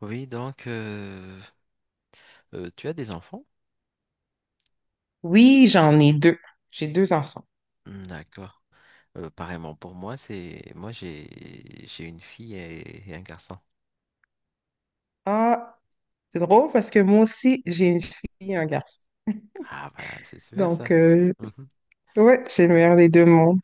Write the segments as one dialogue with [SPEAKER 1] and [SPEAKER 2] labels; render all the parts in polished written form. [SPEAKER 1] Oui, donc tu as des enfants?
[SPEAKER 2] Oui, j'en ai deux. J'ai deux enfants.
[SPEAKER 1] Hmm, d'accord. Pareillement pour moi, c'est moi j'ai une fille et un garçon.
[SPEAKER 2] Ah, c'est drôle parce que moi aussi, j'ai une fille et un garçon.
[SPEAKER 1] Ah bah c'est super
[SPEAKER 2] Donc,
[SPEAKER 1] ça. Mhm,
[SPEAKER 2] ouais, j'ai le meilleur des deux mondes.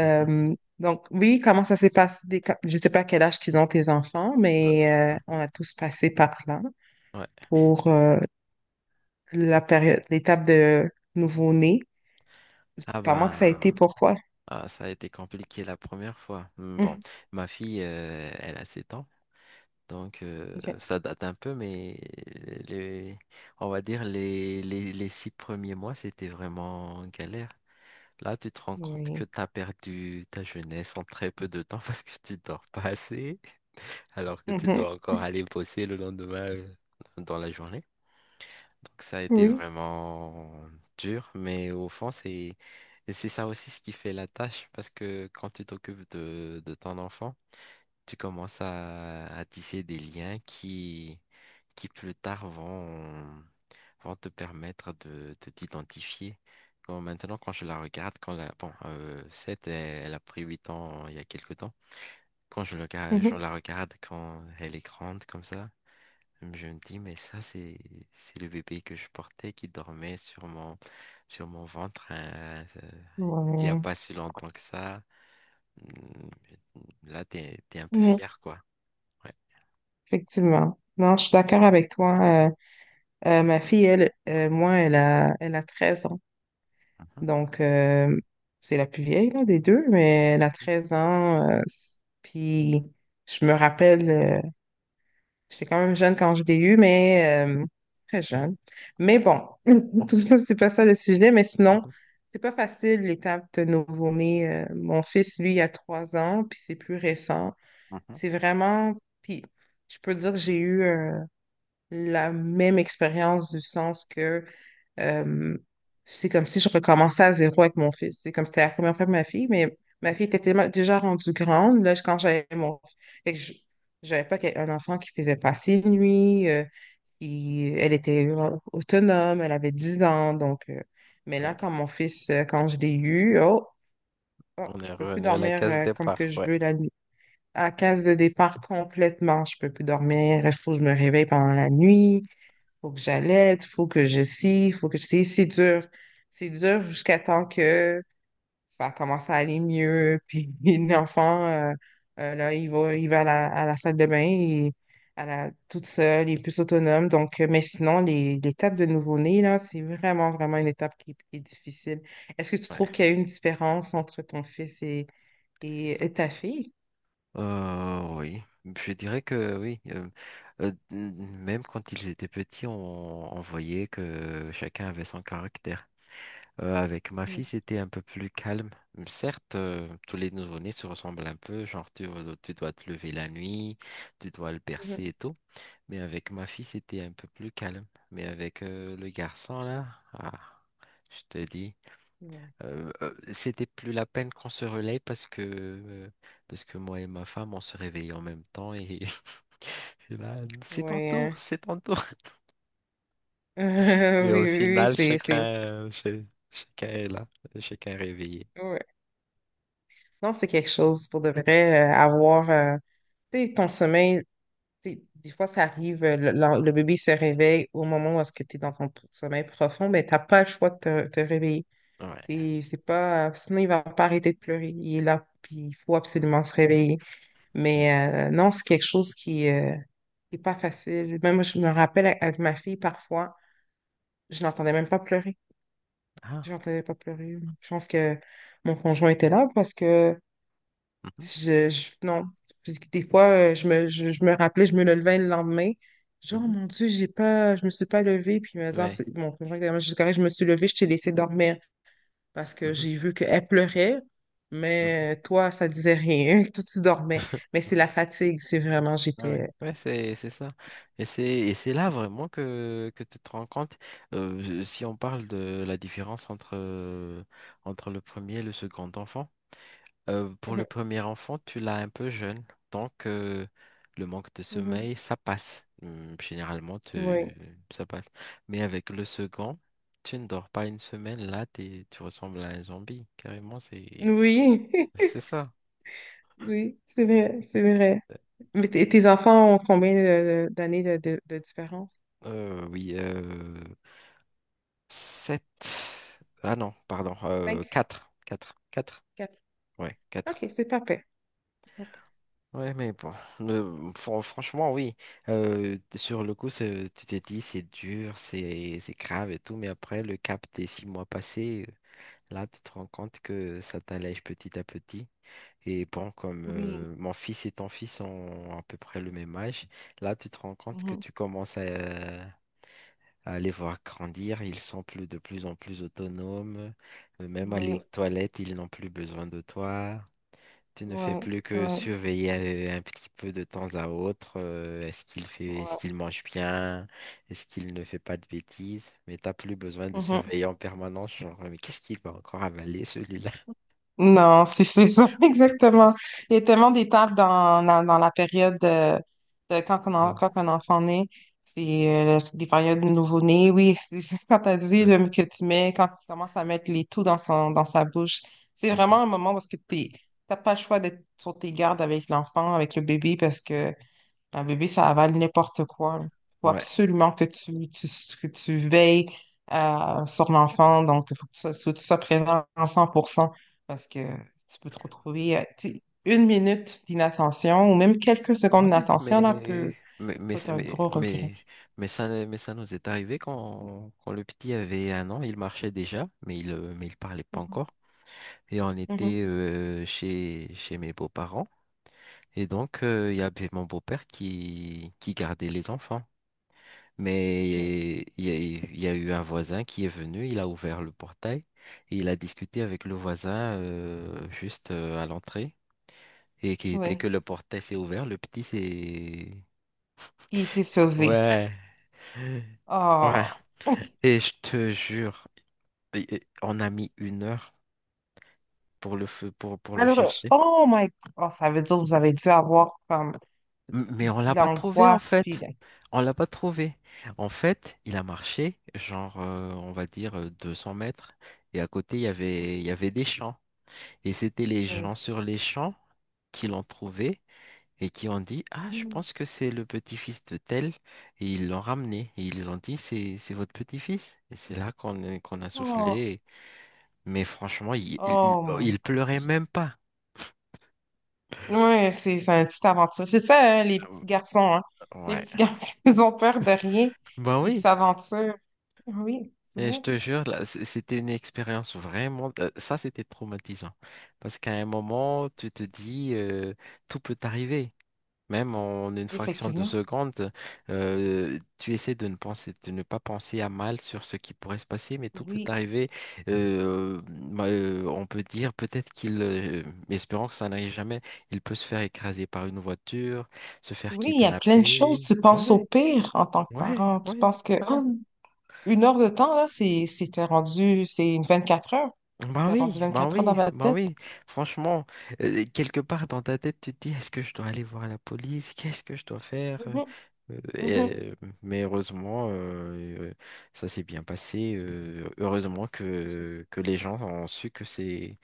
[SPEAKER 1] mhm,
[SPEAKER 2] donc, oui, comment ça s'est passé? Je sais pas quel âge qu'ils ont tes enfants,
[SPEAKER 1] euh,
[SPEAKER 2] mais on
[SPEAKER 1] mhm.
[SPEAKER 2] a tous passé par là
[SPEAKER 1] Ouais.
[SPEAKER 2] pour la période, l'étape de nouveau-né.
[SPEAKER 1] Ah
[SPEAKER 2] Comment que ça a été
[SPEAKER 1] bah
[SPEAKER 2] pour toi?
[SPEAKER 1] ah, ça a été compliqué la première fois. Hmm, bon,
[SPEAKER 2] Hum.
[SPEAKER 1] ma fille elle a 7 ans, donc
[SPEAKER 2] OK.
[SPEAKER 1] ça date un peu, mais les on va dire les 6 premiers mois c'était vraiment galère. Là, tu te rends compte que
[SPEAKER 2] Oui.
[SPEAKER 1] tu as perdu ta jeunesse en très peu de temps parce que tu dors pas assez, alors que tu
[SPEAKER 2] Mhm.
[SPEAKER 1] dois encore aller bosser le lendemain, dans la journée. Donc ça a été
[SPEAKER 2] Oui.
[SPEAKER 1] vraiment dur, mais au fond, c'est ça aussi ce qui fait la tâche, parce que quand tu t'occupes de ton enfant, tu commences à tisser des liens qui plus tard vont te permettre de t'identifier. Maintenant, quand je la regarde, bon, elle a pris 8 ans il y a quelque temps. Quand je, le, regarde- je
[SPEAKER 2] Mhm.
[SPEAKER 1] la regarde, quand elle est grande comme ça, je me dis, mais ça, c'est le bébé que je portais qui dormait sur mon ventre, hein, il n'y a
[SPEAKER 2] Ouais.
[SPEAKER 1] pas si longtemps que ça. Mm, Là, t'es un peu
[SPEAKER 2] Mhm.
[SPEAKER 1] fier, quoi. Ouais.
[SPEAKER 2] Effectivement. Non, je suis d'accord avec toi. Ma fille, elle, moi, elle a 13 ans.
[SPEAKER 1] Mhm,
[SPEAKER 2] Donc, c'est la plus vieille là, des deux, mais elle a 13 ans. Puis, je me rappelle, j'étais quand même jeune quand je l'ai eu, mais très jeune. Mais bon, tout ça, c'est pas ça le sujet, mais sinon,
[SPEAKER 1] mhm,
[SPEAKER 2] c'est pas facile l'étape de nouveau-né. Mon fils, lui, il a 3 ans, puis c'est plus récent.
[SPEAKER 1] mhm.
[SPEAKER 2] C'est vraiment. Puis, je peux dire que j'ai eu la même expérience du sens que. Euh, c'est comme si je recommençais à zéro avec mon fils. C'est comme si c'était la première fois de ma fille, mais ma fille était tellement déjà rendue grande là, quand j'avais mon fils. Fait que je n'avais pas un enfant qui faisait passer une nuit. Elle était autonome, elle avait 10 ans. Donc, mais
[SPEAKER 1] Ouais,
[SPEAKER 2] là, quand mon fils, quand je l'ai eu, oh, oh,
[SPEAKER 1] on
[SPEAKER 2] je
[SPEAKER 1] est
[SPEAKER 2] peux plus
[SPEAKER 1] revenu à la
[SPEAKER 2] dormir
[SPEAKER 1] case
[SPEAKER 2] comme que
[SPEAKER 1] départ,
[SPEAKER 2] je
[SPEAKER 1] ouais.
[SPEAKER 2] veux la nuit. À la
[SPEAKER 1] Ouais.
[SPEAKER 2] case de départ complètement, je peux plus dormir. Il faut que je me réveille pendant la nuit, faut que j'allaite, faut que je scie, faut que je scie. C'est dur. C'est dur jusqu'à temps que ça commence à aller mieux. Puis l'enfant, là, il va à la salle de bain et à la, toute seule, il est plus autonome. Donc, mais sinon, l'étape de nouveau-né, là, c'est vraiment, vraiment une étape qui est difficile. Est-ce que tu
[SPEAKER 1] Ouais.
[SPEAKER 2] trouves qu'il y a une différence entre ton fils et, ta fille?
[SPEAKER 1] Oui, je dirais que oui. Euh, n- même quand ils étaient petits, on voyait que chacun avait son caractère. Avec ma fille,
[SPEAKER 2] Mhm,
[SPEAKER 1] c'était un peu plus calme. Certes, tous les nouveau-nés se ressemblent un peu, genre tu dois te lever la nuit, tu dois le bercer
[SPEAKER 2] mhm.
[SPEAKER 1] et tout. Mais avec ma fille, c'était un peu plus calme. Mais avec le garçon là, ah, je te dis.
[SPEAKER 2] Ouais.
[SPEAKER 1] C'était plus la peine qu'on se relaie parce que moi et ma femme on se réveillait en même temps et, et là c'est ton
[SPEAKER 2] Oui,
[SPEAKER 1] tour,
[SPEAKER 2] hein.
[SPEAKER 1] c'est ton tour.
[SPEAKER 2] Oui,
[SPEAKER 1] Mais au
[SPEAKER 2] oui, oui,
[SPEAKER 1] final
[SPEAKER 2] c'est,
[SPEAKER 1] chacun
[SPEAKER 2] c'est.
[SPEAKER 1] euh, ch- chacun est là, chacun est réveillé.
[SPEAKER 2] Non, c'est quelque chose pour de vrai, avoir tu sais, ton sommeil. Tu sais, des fois, ça arrive, le bébé se réveille au moment où est-ce que tu es dans ton sommeil profond, mais t'as pas le choix de te, réveiller.
[SPEAKER 1] Ouais.
[SPEAKER 2] C'est pas, sinon, il va pas arrêter de pleurer. Il est là, puis il faut absolument se réveiller. Mais non, c'est quelque chose qui est pas facile. Même moi, je me rappelle avec ma fille, parfois, je n'entendais même pas pleurer.
[SPEAKER 1] Ah.
[SPEAKER 2] Je n'entendais pas pleurer. Je pense que mon conjoint était là parce que.
[SPEAKER 1] Mhm,
[SPEAKER 2] Si non. Puis des fois, je me rappelais, je me levais le lendemain. Genre, oh
[SPEAKER 1] mhm.
[SPEAKER 2] mon Dieu, j'ai pas, je me suis pas levée. Puis mes heures,
[SPEAKER 1] Ouais.
[SPEAKER 2] mon conjoint était vraiment, je dis, correct, je me suis levée, je t'ai laissé dormir parce que
[SPEAKER 1] Mhm,
[SPEAKER 2] j'ai vu qu'elle pleurait,
[SPEAKER 1] mhm.
[SPEAKER 2] mais toi, ça disait rien. Toi, tu dormais. Mais c'est la fatigue, c'est vraiment,
[SPEAKER 1] Ouais, ouais,
[SPEAKER 2] j'étais.
[SPEAKER 1] ouais, c'est ça. Et c'est là vraiment que tu te rends compte, si on parle de la différence entre le premier et le second enfant. Pour le
[SPEAKER 2] Mhm,
[SPEAKER 1] premier enfant, tu l'as un peu jeune, donc le manque de
[SPEAKER 2] mhm.
[SPEAKER 1] sommeil, ça passe. Généralement,
[SPEAKER 2] Oui.
[SPEAKER 1] ça passe. Mais avec le second, tu ne dors pas une semaine, là, tu ressembles à un zombie. Carrément, c'est
[SPEAKER 2] Oui.
[SPEAKER 1] c'est ça.
[SPEAKER 2] Oui, c'est vrai, c'est vrai. Mais tes enfants ont combien d'années de différence?
[SPEAKER 1] Oui, 7. Ah non, pardon,
[SPEAKER 2] Cinq?
[SPEAKER 1] 4, 4. 4.
[SPEAKER 2] Quatre?
[SPEAKER 1] Ouais, 4.
[SPEAKER 2] OK, c'est pas pire. Pas pire.
[SPEAKER 1] Ouais, mais bon, franchement, oui. Sur le coup, tu t'es dit, c'est dur, c'est grave et tout, mais après, le cap des 6 mois passés, là, tu te rends compte que ça t'allège petit à petit. Et bon, comme
[SPEAKER 2] Oui,
[SPEAKER 1] mon fils et ton fils ont à peu près le même âge, là, tu te rends compte que
[SPEAKER 2] mhm,
[SPEAKER 1] tu commences à les voir grandir, ils sont de plus en plus autonomes, même aller aux
[SPEAKER 2] oui,
[SPEAKER 1] toilettes, ils n'ont plus besoin de toi. Tu ne fais
[SPEAKER 2] ouais,
[SPEAKER 1] plus que
[SPEAKER 2] ouais,
[SPEAKER 1] surveiller, un petit peu de temps à autre. Est-ce
[SPEAKER 2] ouais.
[SPEAKER 1] qu'il mange bien? Est-ce qu'il ne fait pas de bêtises? Mais t'as plus besoin de
[SPEAKER 2] Mhm.
[SPEAKER 1] surveiller en permanence. Genre, mais qu'est-ce qu'il va encore avaler celui-là?
[SPEAKER 2] Non, c'est ça, exactement. Il y a tellement d'étapes dans la période de quand un enfant naît. C'est c'est des périodes de nouveau-né, oui. C'est Quand tu as dit
[SPEAKER 1] Ouais.
[SPEAKER 2] que tu mets, quand tu commences à mettre les tout dans son, dans sa bouche, c'est vraiment
[SPEAKER 1] Mhm.
[SPEAKER 2] un moment parce que tu n'as pas le choix d'être sur tes gardes avec l'enfant, avec le bébé, parce que un bébé, ça avale n'importe quoi. Il faut
[SPEAKER 1] Ouais.
[SPEAKER 2] absolument que que tu veilles sur l'enfant. Donc, il faut que tu sois, faut que tu sois présent à 100% parce que tu peux te retrouver. Tu sais, une minute d'inattention ou même quelques secondes
[SPEAKER 1] Ouais,
[SPEAKER 2] d'inattention, là, peut,
[SPEAKER 1] mais mais mais
[SPEAKER 2] être
[SPEAKER 1] c'est-
[SPEAKER 2] un
[SPEAKER 1] mais
[SPEAKER 2] gros regret.
[SPEAKER 1] mais, mais ça nous est arrivé quand le petit avait 1 an, il marchait déjà, mais il parlait pas
[SPEAKER 2] Mhm,
[SPEAKER 1] encore. Et on
[SPEAKER 2] mhm.
[SPEAKER 1] était chez mes beaux-parents. Et donc, il y avait mon beau-père qui gardait les enfants.
[SPEAKER 2] Oui,
[SPEAKER 1] Mais il y a eu un voisin qui est venu, il a ouvert le portail et il a discuté avec le voisin, juste, à l'entrée. Et qui, dès
[SPEAKER 2] oui.
[SPEAKER 1] que le portail s'est ouvert, le petit s'est...
[SPEAKER 2] Puis il s'est sauvé.
[SPEAKER 1] Ouais. Ouais.
[SPEAKER 2] Oh.
[SPEAKER 1] Et je te jure, et on a mis une heure pour le feu, pour le
[SPEAKER 2] Alors,
[SPEAKER 1] chercher.
[SPEAKER 2] oh my God. Oh, ça veut dire que vous avez dû avoir comme
[SPEAKER 1] Mais on l'a
[SPEAKER 2] de
[SPEAKER 1] pas trouvé en
[SPEAKER 2] l'angoisse, puis
[SPEAKER 1] fait. On l'a pas trouvé. En fait, il a marché, genre, on va dire, 200 mètres. Et à côté, il y avait des champs. Et c'était les
[SPEAKER 2] oui.
[SPEAKER 1] gens sur les champs qui l'ont trouvé et qui ont dit, Ah, je pense que c'est le petit-fils de tel. Et ils l'ont ramené. Et ils ont dit, C'est votre petit-fils. Et c'est là qu'on a
[SPEAKER 2] Oh.
[SPEAKER 1] soufflé. Mais franchement, il, il,
[SPEAKER 2] Oh my
[SPEAKER 1] il pleurait
[SPEAKER 2] gosh.
[SPEAKER 1] même pas.
[SPEAKER 2] Ouais, c'est une petite aventure. C'est ça, hein, les petits garçons, hein. Les
[SPEAKER 1] Ouais.
[SPEAKER 2] petits garçons, ils ont peur de rien.
[SPEAKER 1] Bah
[SPEAKER 2] Ils
[SPEAKER 1] oui.
[SPEAKER 2] s'aventurent. Oui, c'est
[SPEAKER 1] Et je
[SPEAKER 2] vrai.
[SPEAKER 1] te jure, là, c'était une expérience vraiment, ça c'était traumatisant. Parce qu'à un moment, tu te dis, tout peut t'arriver. Même en une fraction de
[SPEAKER 2] Effectivement.
[SPEAKER 1] seconde, tu essaies de ne penser, de ne pas penser à mal sur ce qui pourrait se passer, mais tout peut
[SPEAKER 2] Oui.
[SPEAKER 1] t'arriver. Bah, on peut dire peut-être mais espérons que ça n'arrive jamais, il peut se faire écraser par une voiture, se faire
[SPEAKER 2] Oui, il y a plein de choses.
[SPEAKER 1] kidnapper.
[SPEAKER 2] Tu penses au
[SPEAKER 1] Ouais,
[SPEAKER 2] pire en tant que
[SPEAKER 1] ouais,
[SPEAKER 2] parent. Tu
[SPEAKER 1] ouais,
[SPEAKER 2] penses que
[SPEAKER 1] voilà.
[SPEAKER 2] oh, 1 heure de temps, là, c'est t'es rendu, c'est une 24 heures.
[SPEAKER 1] Ben
[SPEAKER 2] T'es rendu
[SPEAKER 1] oui, ben
[SPEAKER 2] 24 heures dans
[SPEAKER 1] oui,
[SPEAKER 2] ma
[SPEAKER 1] ben
[SPEAKER 2] tête.
[SPEAKER 1] oui. Franchement, quelque part dans ta tête, tu te dis, est-ce que je dois aller voir la police? Qu'est-ce que je dois faire?
[SPEAKER 2] Mhm, mhm.
[SPEAKER 1] Euh, et- mais heureusement, ça s'est bien passé. Heureusement
[SPEAKER 2] C'est
[SPEAKER 1] que les gens ont su que c'est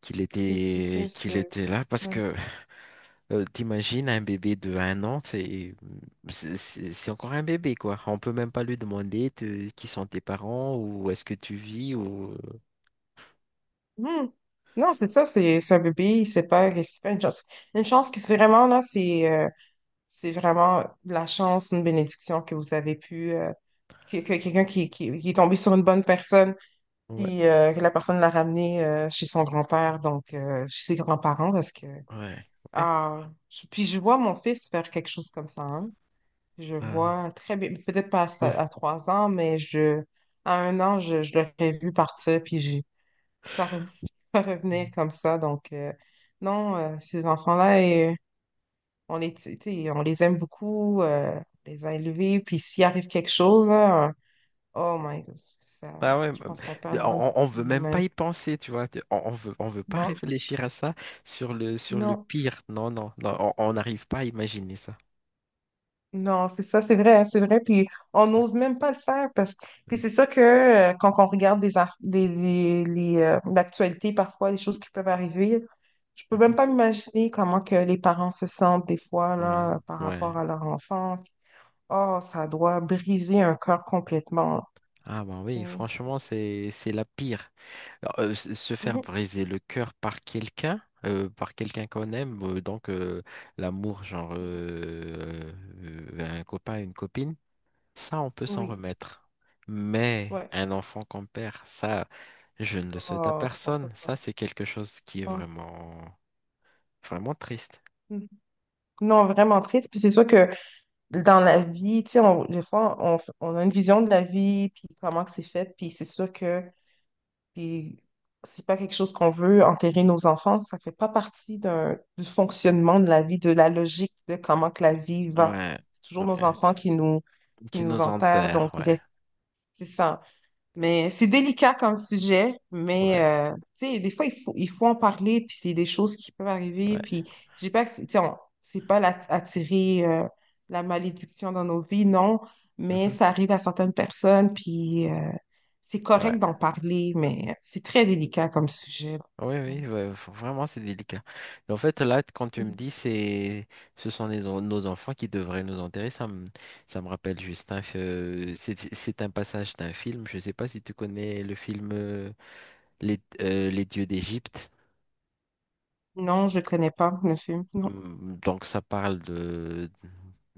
[SPEAKER 2] c'est fils
[SPEAKER 1] qu'il
[SPEAKER 2] de.
[SPEAKER 1] était là parce que t'imagines un bébé de 1 an, c'est c'est encore un bébé quoi. On peut même pas lui demander qui sont tes parents ou est-ce que tu vis, ou
[SPEAKER 2] Hmm. Non, c'est ça, c'est un bébé, c'est pas une chance. Une chance qui, c'est vraiment, là, c'est vraiment de la chance, une bénédiction que vous avez pu, que quelqu'un qui, est tombé sur une bonne personne,
[SPEAKER 1] ouais,
[SPEAKER 2] puis que la personne l'a ramené chez son grand-père, donc chez ses grands-parents, parce que,
[SPEAKER 1] ouais. Ouais.
[SPEAKER 2] ah, puis je vois mon fils faire quelque chose comme ça, hein. Je
[SPEAKER 1] Ah.
[SPEAKER 2] vois très bien, peut-être pas à, à 3 ans, mais à 1 an, je l'aurais vu partir, puis j'ai pas, re- pas revenir
[SPEAKER 1] Hum.
[SPEAKER 2] comme ça. Donc, non, ces enfants-là, euh, on les, tu sais, on les aime beaucoup, on les a élevés, puis s'il arrive quelque chose, là, oh my God, ça,
[SPEAKER 1] Ah ouais,
[SPEAKER 2] je
[SPEAKER 1] bah,
[SPEAKER 2] pense qu'on perd une grande
[SPEAKER 1] on
[SPEAKER 2] partie de
[SPEAKER 1] veut même
[SPEAKER 2] nous-mêmes.
[SPEAKER 1] pas y penser, tu vois. On veut pas
[SPEAKER 2] Non,
[SPEAKER 1] réfléchir à ça, sur le
[SPEAKER 2] non.
[SPEAKER 1] pire. Non, non, non, on n'arrive pas à imaginer ça.
[SPEAKER 2] Non, c'est ça, c'est vrai, hein, c'est vrai. Puis on n'ose même pas le faire parce que. Puis
[SPEAKER 1] Ouais.
[SPEAKER 2] c'est ça que quand on regarde des, ar- des- les, l'actualité, parfois, les choses qui peuvent arriver, je peux même
[SPEAKER 1] Mhm.
[SPEAKER 2] pas m'imaginer comment que les parents se sentent des fois
[SPEAKER 1] Ouais,
[SPEAKER 2] là, par
[SPEAKER 1] ouais.
[SPEAKER 2] rapport à leur enfant. Oh, ça doit briser un cœur complètement.
[SPEAKER 1] Ah bah
[SPEAKER 2] Tu
[SPEAKER 1] oui,
[SPEAKER 2] sais.
[SPEAKER 1] franchement, c'est la pire. Alors, se faire
[SPEAKER 2] Mhm.
[SPEAKER 1] briser le cœur par quelqu'un qu'on aime, donc, l'amour, genre, un copain, une copine. Ça, on peut s'en
[SPEAKER 2] Oui,
[SPEAKER 1] remettre. Mais
[SPEAKER 2] ouais.
[SPEAKER 1] un enfant qu'on perd, ça, je ne le souhaite à
[SPEAKER 2] Oh, on peut
[SPEAKER 1] personne. Ça,
[SPEAKER 2] pas.
[SPEAKER 1] c'est quelque chose qui est
[SPEAKER 2] Non.
[SPEAKER 1] vraiment, vraiment triste.
[SPEAKER 2] Mhm. Non, vraiment triste. Puis c'est sûr que dans la vie, tu sais, des fois, on a une vision de la vie, puis comment que c'est fait, puis c'est sûr que puis c'est pas quelque chose qu'on veut enterrer nos enfants, ça fait pas partie d'un, du fonctionnement de la vie, de la logique de comment que la vie va.
[SPEAKER 1] Ouais,
[SPEAKER 2] C'est toujours nos
[SPEAKER 1] ouais.
[SPEAKER 2] enfants qui nous,
[SPEAKER 1] Qui nous
[SPEAKER 2] enterrent,
[SPEAKER 1] enterre,
[SPEAKER 2] donc
[SPEAKER 1] ouais,
[SPEAKER 2] c'est ça. Mais c'est délicat comme sujet, mais
[SPEAKER 1] ouais,
[SPEAKER 2] tu sais, des fois, il faut en parler, puis c'est des choses qui peuvent arriver,
[SPEAKER 1] ouais.
[SPEAKER 2] puis j'ai pas, tu sais, c'est pas la- attirer la malédiction dans nos vies, non, mais
[SPEAKER 1] Mhm,
[SPEAKER 2] ça arrive à certaines personnes, puis c'est
[SPEAKER 1] ouais.
[SPEAKER 2] correct d'en parler, mais c'est très délicat comme sujet.
[SPEAKER 1] Oui,
[SPEAKER 2] Ouais.
[SPEAKER 1] oui, ouais, vraiment, c'est délicat. Mais en fait, là, quand tu me dis, ce sont nos enfants qui devraient nous enterrer, ça me rappelle juste c'est un passage d'un film. Je ne sais pas si tu connais le film, Les Dieux d'Égypte.
[SPEAKER 2] Non, je connais pas le film, non.
[SPEAKER 1] Donc ça parle de...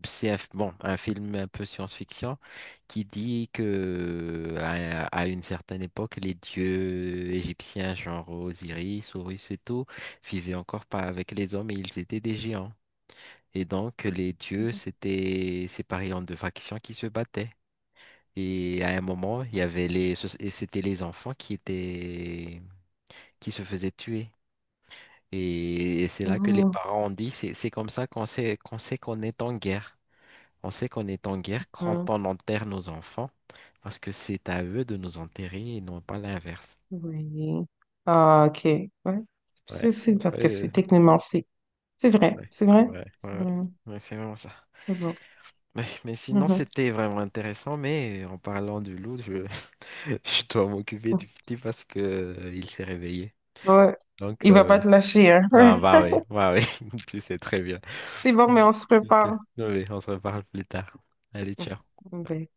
[SPEAKER 1] C'est bon, un film un peu science-fiction qui dit que à une certaine époque, les dieux égyptiens, genre Osiris, Horus et tout, vivaient encore pas avec les hommes et ils étaient des géants. Et donc les dieux s'étaient séparés en deux factions qui se battaient. Et à un moment, il y avait les, ce- et c'était les enfants qui se faisaient tuer. Et c'est là que les
[SPEAKER 2] Non,
[SPEAKER 1] parents ont dit, c'est comme ça qu'on sait qu'on est en guerre. On sait qu'on est en guerre quand
[SPEAKER 2] non,
[SPEAKER 1] on enterre nos enfants, parce que c'est à eux de nous enterrer et non pas l'inverse.
[SPEAKER 2] oui. Ah, OK, ouais.
[SPEAKER 1] Ouais,
[SPEAKER 2] C'est parce que c'est
[SPEAKER 1] ouais,
[SPEAKER 2] techniquement, c'est vrai,
[SPEAKER 1] ouais,
[SPEAKER 2] c'est vrai,
[SPEAKER 1] ouais,
[SPEAKER 2] c'est
[SPEAKER 1] ouais,
[SPEAKER 2] vrai.
[SPEAKER 1] ouais, c'est vraiment ça.
[SPEAKER 2] Bon.
[SPEAKER 1] Mais sinon,
[SPEAKER 2] Mhm.
[SPEAKER 1] c'était vraiment intéressant, mais en parlant du loup, je, je dois m'occuper du petit parce que il s'est réveillé.
[SPEAKER 2] Ouais.
[SPEAKER 1] Donc,
[SPEAKER 2] Il va pas te lâcher, hein.
[SPEAKER 1] ah, bah oui, tu sais très bien.
[SPEAKER 2] C'est bon, mais on se
[SPEAKER 1] Ok.
[SPEAKER 2] prépare.
[SPEAKER 1] Oui, on se reparle plus tard. Allez, ciao.
[SPEAKER 2] Bye.